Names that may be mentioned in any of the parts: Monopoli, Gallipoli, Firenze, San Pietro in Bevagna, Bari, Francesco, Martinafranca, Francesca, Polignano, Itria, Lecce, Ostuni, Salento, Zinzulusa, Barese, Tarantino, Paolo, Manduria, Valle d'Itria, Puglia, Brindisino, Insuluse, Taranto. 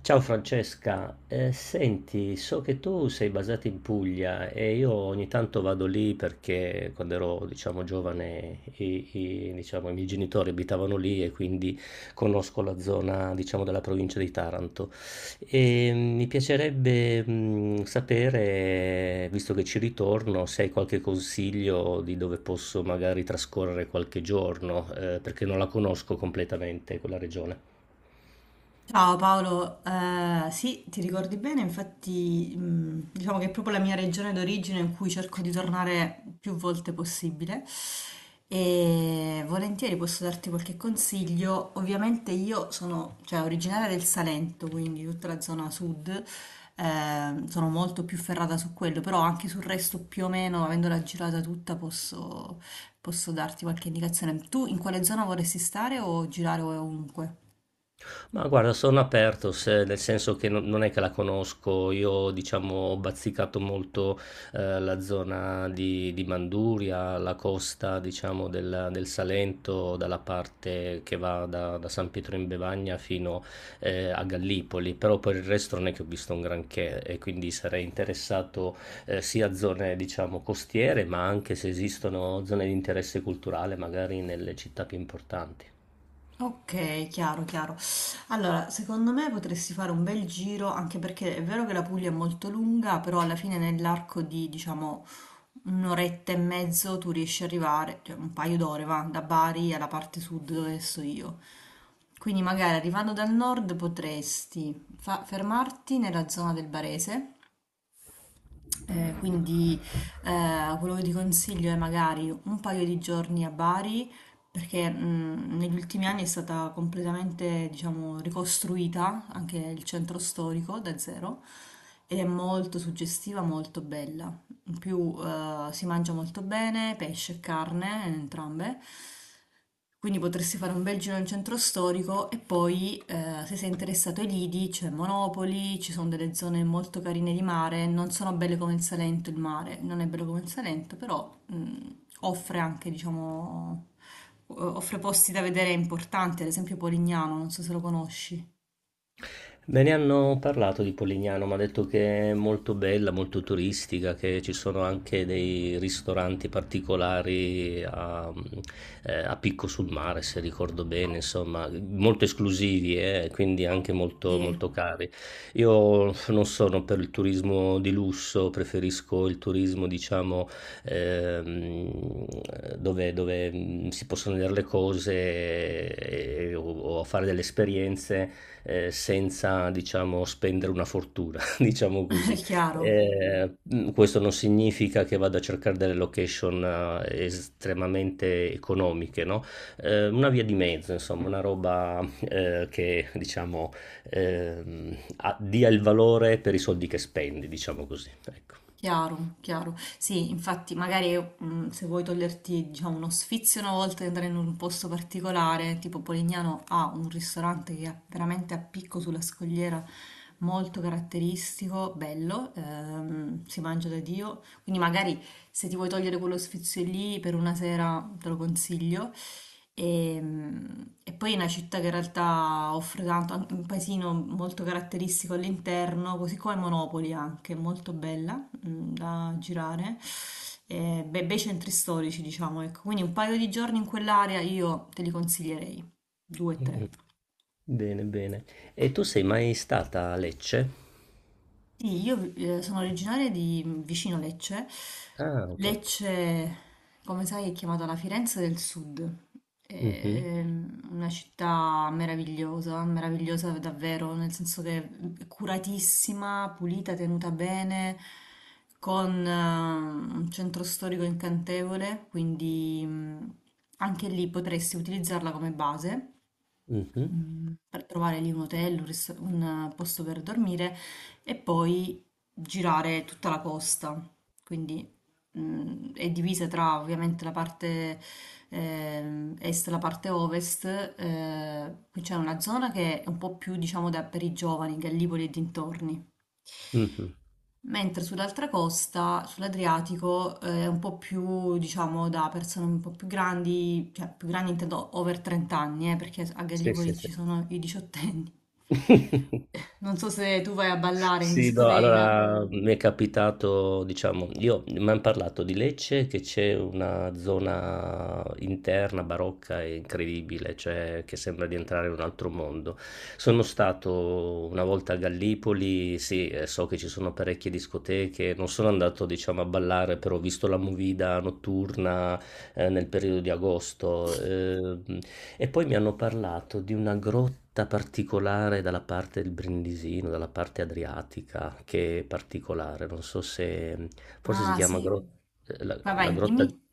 Ciao Francesca, senti, so che tu sei basata in Puglia e io ogni tanto vado lì perché quando ero, diciamo, giovane diciamo, i miei genitori abitavano lì e quindi conosco la zona, diciamo, della provincia di Taranto. Mi piacerebbe sapere, visto che ci ritorno, se hai qualche consiglio di dove posso magari trascorrere qualche giorno, perché non la conosco completamente quella regione. Ciao Paolo. Sì, ti ricordi bene. Infatti diciamo che è proprio la mia regione d'origine, in cui cerco di tornare più volte possibile e volentieri. Posso darti qualche consiglio. Ovviamente io sono, cioè, originaria del Salento, quindi tutta la zona sud, sono molto più ferrata su quello, però anche sul resto più o meno, avendola girata tutta, posso darti qualche indicazione. Tu in quale zona vorresti stare o girare ovunque? Ma guarda, sono aperto, nel senso che non è che la conosco, io diciamo ho bazzicato molto la zona di Manduria, la costa diciamo del Salento, dalla parte che va da San Pietro in Bevagna fino a Gallipoli, però per il resto non è che ho visto un granché e quindi sarei interessato sia a zone diciamo costiere, ma anche se esistono zone di interesse culturale magari nelle città più importanti. Ok, chiaro, chiaro. Allora, secondo me potresti fare un bel giro, anche perché è vero che la Puglia è molto lunga, però alla fine nell'arco di, diciamo, un'oretta e mezzo tu riesci ad arrivare, cioè un paio d'ore, va, da Bari alla parte sud dove sto io. Quindi magari arrivando dal nord potresti fermarti nella zona del Barese, eh, quindi quello che ti consiglio è magari un paio di giorni a Bari, perché negli ultimi anni è stata completamente, diciamo, ricostruita anche il centro storico da zero, ed è molto suggestiva, molto bella. In più si mangia molto bene, pesce e carne, entrambe. Quindi potresti fare un bel giro nel centro storico e poi, se sei interessato ai lidi, c'è Monopoli, ci sono delle zone molto carine di mare, non sono belle come il Salento, il mare non è bello come il Salento, però offre offre posti da vedere importanti, ad esempio Polignano, non so se lo conosci. Me ne hanno parlato di Polignano, mi ha detto che è molto bella, molto turistica, che ci sono anche dei ristoranti particolari a, a picco sul mare, se ricordo bene, insomma, molto esclusivi e quindi anche molto, Sì. molto cari. Io non sono per il turismo di lusso, preferisco il turismo, diciamo, ehm, dove si possono vedere le cose o fare delle esperienze senza, diciamo, spendere una fortuna, diciamo È così. chiaro. Questo non significa che vado a cercare delle location estremamente economiche, no? Una via di mezzo, insomma, una roba che, diciamo, dia il valore per i soldi che spendi, diciamo così. Ecco. Chiaro, chiaro. Sì, infatti, magari se vuoi toglierti, diciamo, uno sfizio una volta di andare in un posto particolare, tipo Polignano ha un ristorante che è veramente a picco sulla scogliera, molto caratteristico, bello, si mangia da Dio. Quindi magari, se ti vuoi togliere quello sfizio lì per una sera, te lo consiglio. E, mm, e poi è una città che in realtà offre tanto, anche un paesino molto caratteristico all'interno, così come Monopoli anche, molto bella da girare, beh, bei centri storici, diciamo, ecco. Quindi un paio di giorni in quell'area io te li consiglierei, due o Mm, tre. Bene, bene. E tu sei mai stata a Lecce? Sì, io sono originaria di vicino Lecce. Ah, ok. Lecce, come sai, è chiamata la Firenze del Sud. È Mhm, una città meravigliosa, meravigliosa davvero, nel senso che è curatissima, pulita, tenuta bene, con un centro storico incantevole, quindi anche lì potresti utilizzarla come base mhm, per trovare lì un hotel, posto per dormire, e poi girare tutta la costa. Quindi è divisa tra ovviamente la parte est e la parte ovest. Qui c'è una zona che è un po' più, diciamo, da, per i giovani, Gallipoli e dintorni. mhm. Mentre sull'altra costa, sull'Adriatico, è un po' più, diciamo, da persone un po' più grandi, cioè più grandi intendo over 30 anni, perché a Sì, sì, Gallipoli sì. ci sono i diciottenni. Non so se tu vai a ballare in Sì, no, discoteca. allora mi è capitato, diciamo, io mi hanno parlato di Lecce che c'è una zona interna barocca e incredibile, cioè che sembra di entrare in un altro mondo. Sono stato una volta a Gallipoli, sì, so che ci sono parecchie discoteche, non sono andato, diciamo, a ballare, però ho visto la movida notturna nel periodo di agosto. E poi mi hanno parlato di una grotta particolare dalla parte del Brindisino, dalla parte adriatica, che è particolare, non so se forse Ah, sì. La, Vai, la vai, grotta dimmi.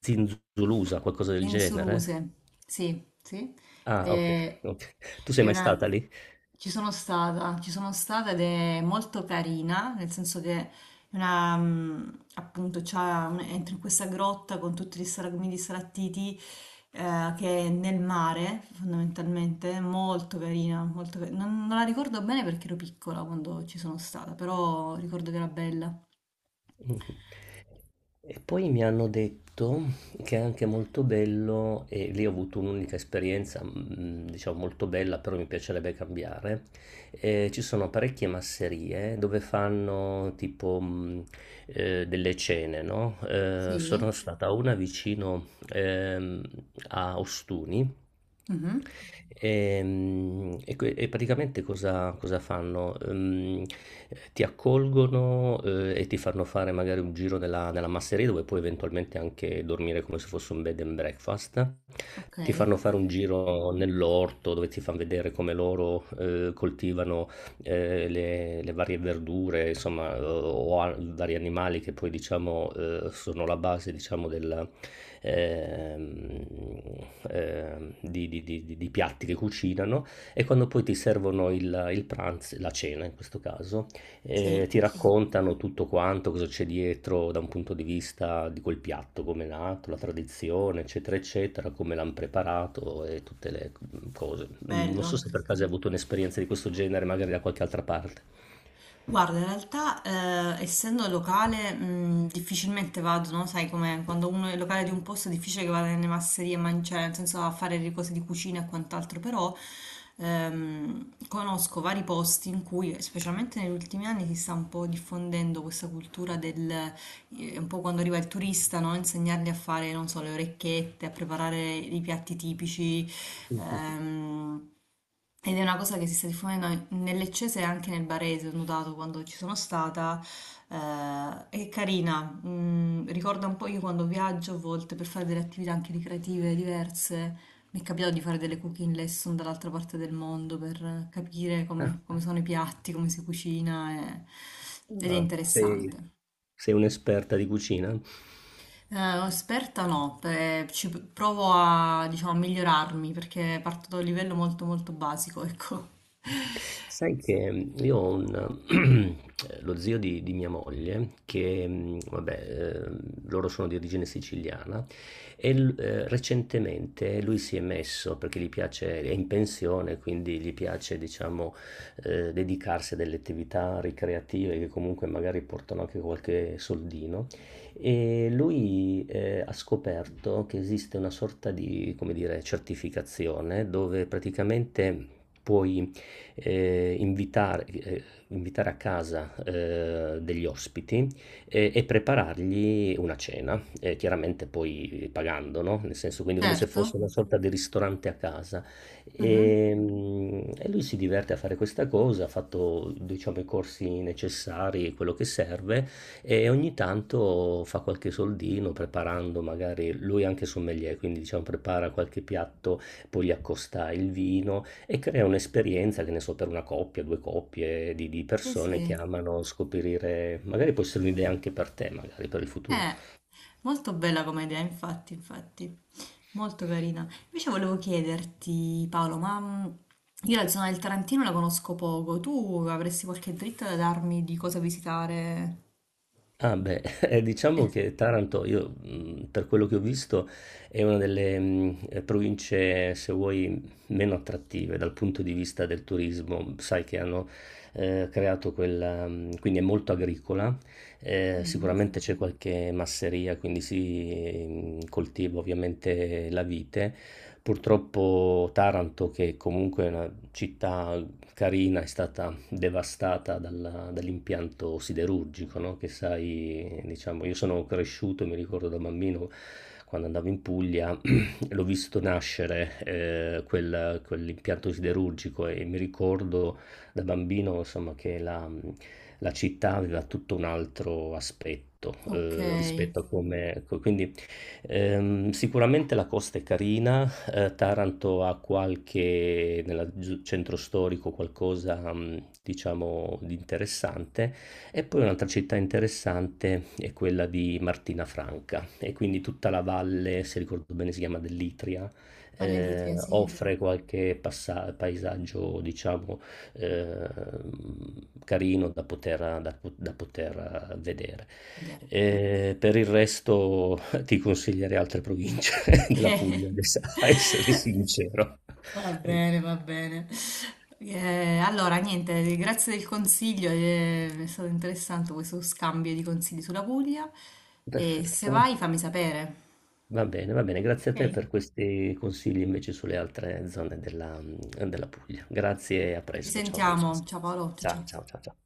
Zinzulusa, qualcosa del genere. Insuluse, sì, sì. Ah, ok, Eh, ok. Tu sei è mai una- stata lì? Ci sono stata, ci sono stata, ed è molto carina, nel senso che è una, mm, appunto, c'ha entri in questa grotta con tutti gli stragumi di sarattiti che è nel mare, fondamentalmente. È molto carina, non, non la ricordo bene perché ero piccola quando ci sono stata, però ricordo che era bella. Mh-mh. E poi mi hanno detto che è anche molto bello e lì ho avuto un'unica esperienza, diciamo molto bella, però mi piacerebbe cambiare. Ci sono parecchie masserie dove fanno tipo, delle cene, no, Sì. sono stata a una vicino, a Ostuni. Mhm. E, e praticamente cosa, cosa fanno? Ti accolgono, e ti fanno fare magari un giro nella masseria dove puoi eventualmente anche dormire come se fosse un bed and breakfast. Ok, Ti fanno fare un giro nell'orto dove ti fanno vedere come loro, coltivano le varie verdure, insomma, vari animali che poi diciamo sono la base, diciamo, della, ehm, di piatti che cucinano e quando poi ti servono il pranzo, la cena in questo caso, sì. ti raccontano tutto quanto, cosa c'è dietro da un punto di vista di quel piatto, come è nato, la tradizione, eccetera, eccetera, come l'hanno preparato e tutte le cose. Mhmm, Non so Bello. se per caso hai avuto un'esperienza di questo genere, magari da qualche altra parte. Guarda, in realtà, essendo locale, difficilmente vado, no? Sai com'è? Quando uno è locale di un posto è difficile che vada nelle masserie a mangiare, nel senso a fare le cose di cucina e quant'altro. Però conosco vari posti in cui, specialmente negli ultimi anni, si sta un po' diffondendo questa cultura del, un po' quando arriva il turista, no? Insegnargli a fare, non so, le orecchiette, a preparare i piatti tipici. Mh-mh. Ehm, Ed è una cosa che si sta diffondendo nel Leccese e anche nel Barese, ho notato quando ci sono stata. È carina, ricorda un po'. Io quando viaggio a volte, per fare delle attività anche ricreative diverse, mi è capitato di fare delle cooking lesson dall'altra parte del mondo per capire come, Ah, come sono i piatti, come si cucina, ed è ah, sei interessante. Sei un'esperta di cucina? Esperta no, ci provo a, diciamo, a migliorarmi perché parto da un livello molto molto basico, ecco. Sai che io ho un lo zio di mia moglie che, vabbè, loro sono di origine siciliana e l recentemente lui si è messo, perché gli piace è in pensione, quindi gli piace diciamo, dedicarsi a delle attività ricreative che comunque magari portano anche qualche soldino, e lui, ha scoperto che esiste una sorta di, come dire, certificazione dove praticamente puoi eh, invitare, eh, invitare a casa degli ospiti e preparargli una cena, chiaramente poi pagando, no? Nel senso, quindi come se Certo. fosse una sorta di ristorante a casa. Mhm. E lui si diverte a fare questa cosa, ha fatto, diciamo, i corsi necessari, quello che serve, e ogni tanto fa qualche soldino preparando magari, lui è anche sommelier, quindi diciamo prepara qualche piatto, poi gli accosta il vino e crea un'esperienza, che ne so, per una coppia, due coppie di Sì, persone che sì. amano scoprire, magari può essere un'idea anche per te, magari per il futuro. Eh, molto bella come idea, infatti, infatti. Molto carina. Invece volevo chiederti, Paolo, ma io la zona del Tarantino la conosco poco. Tu avresti qualche dritta da darmi di cosa visitare? Ah beh, Eh, diciamo che Taranto, io per quello che ho visto, è una delle province, se vuoi, meno attrattive dal punto di vista del turismo. Sai che hanno creato quella, quindi è molto agricola, mhm. sicuramente c'è qualche masseria, quindi si coltiva ovviamente la vite. Purtroppo Taranto, che comunque è una città carina, è stata devastata dall'impianto siderurgico, no? Che sai, diciamo, io sono cresciuto, mi ricordo da bambino quando andavo in Puglia, l'ho visto nascere quell'impianto siderurgico e mi ricordo da bambino, insomma, che la città aveva tutto un altro aspetto Ok, rispetto a come... ecco. Quindi sicuramente la costa è carina, Taranto ha qualche, nel centro storico, qualcosa, diciamo, di interessante. E poi un'altra città interessante è quella di Martinafranca e quindi tutta la valle, se ricordo bene si chiama dell'Itria, Valle d'Itria, sì. offre qualche paesaggio, diciamo, eh, carino da poter, da poter vedere. Vedere. Per il resto ti consiglierei altre province della Puglia, Ok. adesso, a essere sincero. Va Ecco, bene, va bene. Allora, niente, grazie del consiglio, è stato interessante questo scambio di consigli sulla Puglia, e se perfetto. vai fammi sapere. Va bene, grazie a te Ok? per questi consigli invece sulle altre zone della Puglia. Grazie e a Ci presto. Ciao sentiamo. Francesco. Ciao Paolo, ciao Ciao, ciao. ciao, ciao, ciao.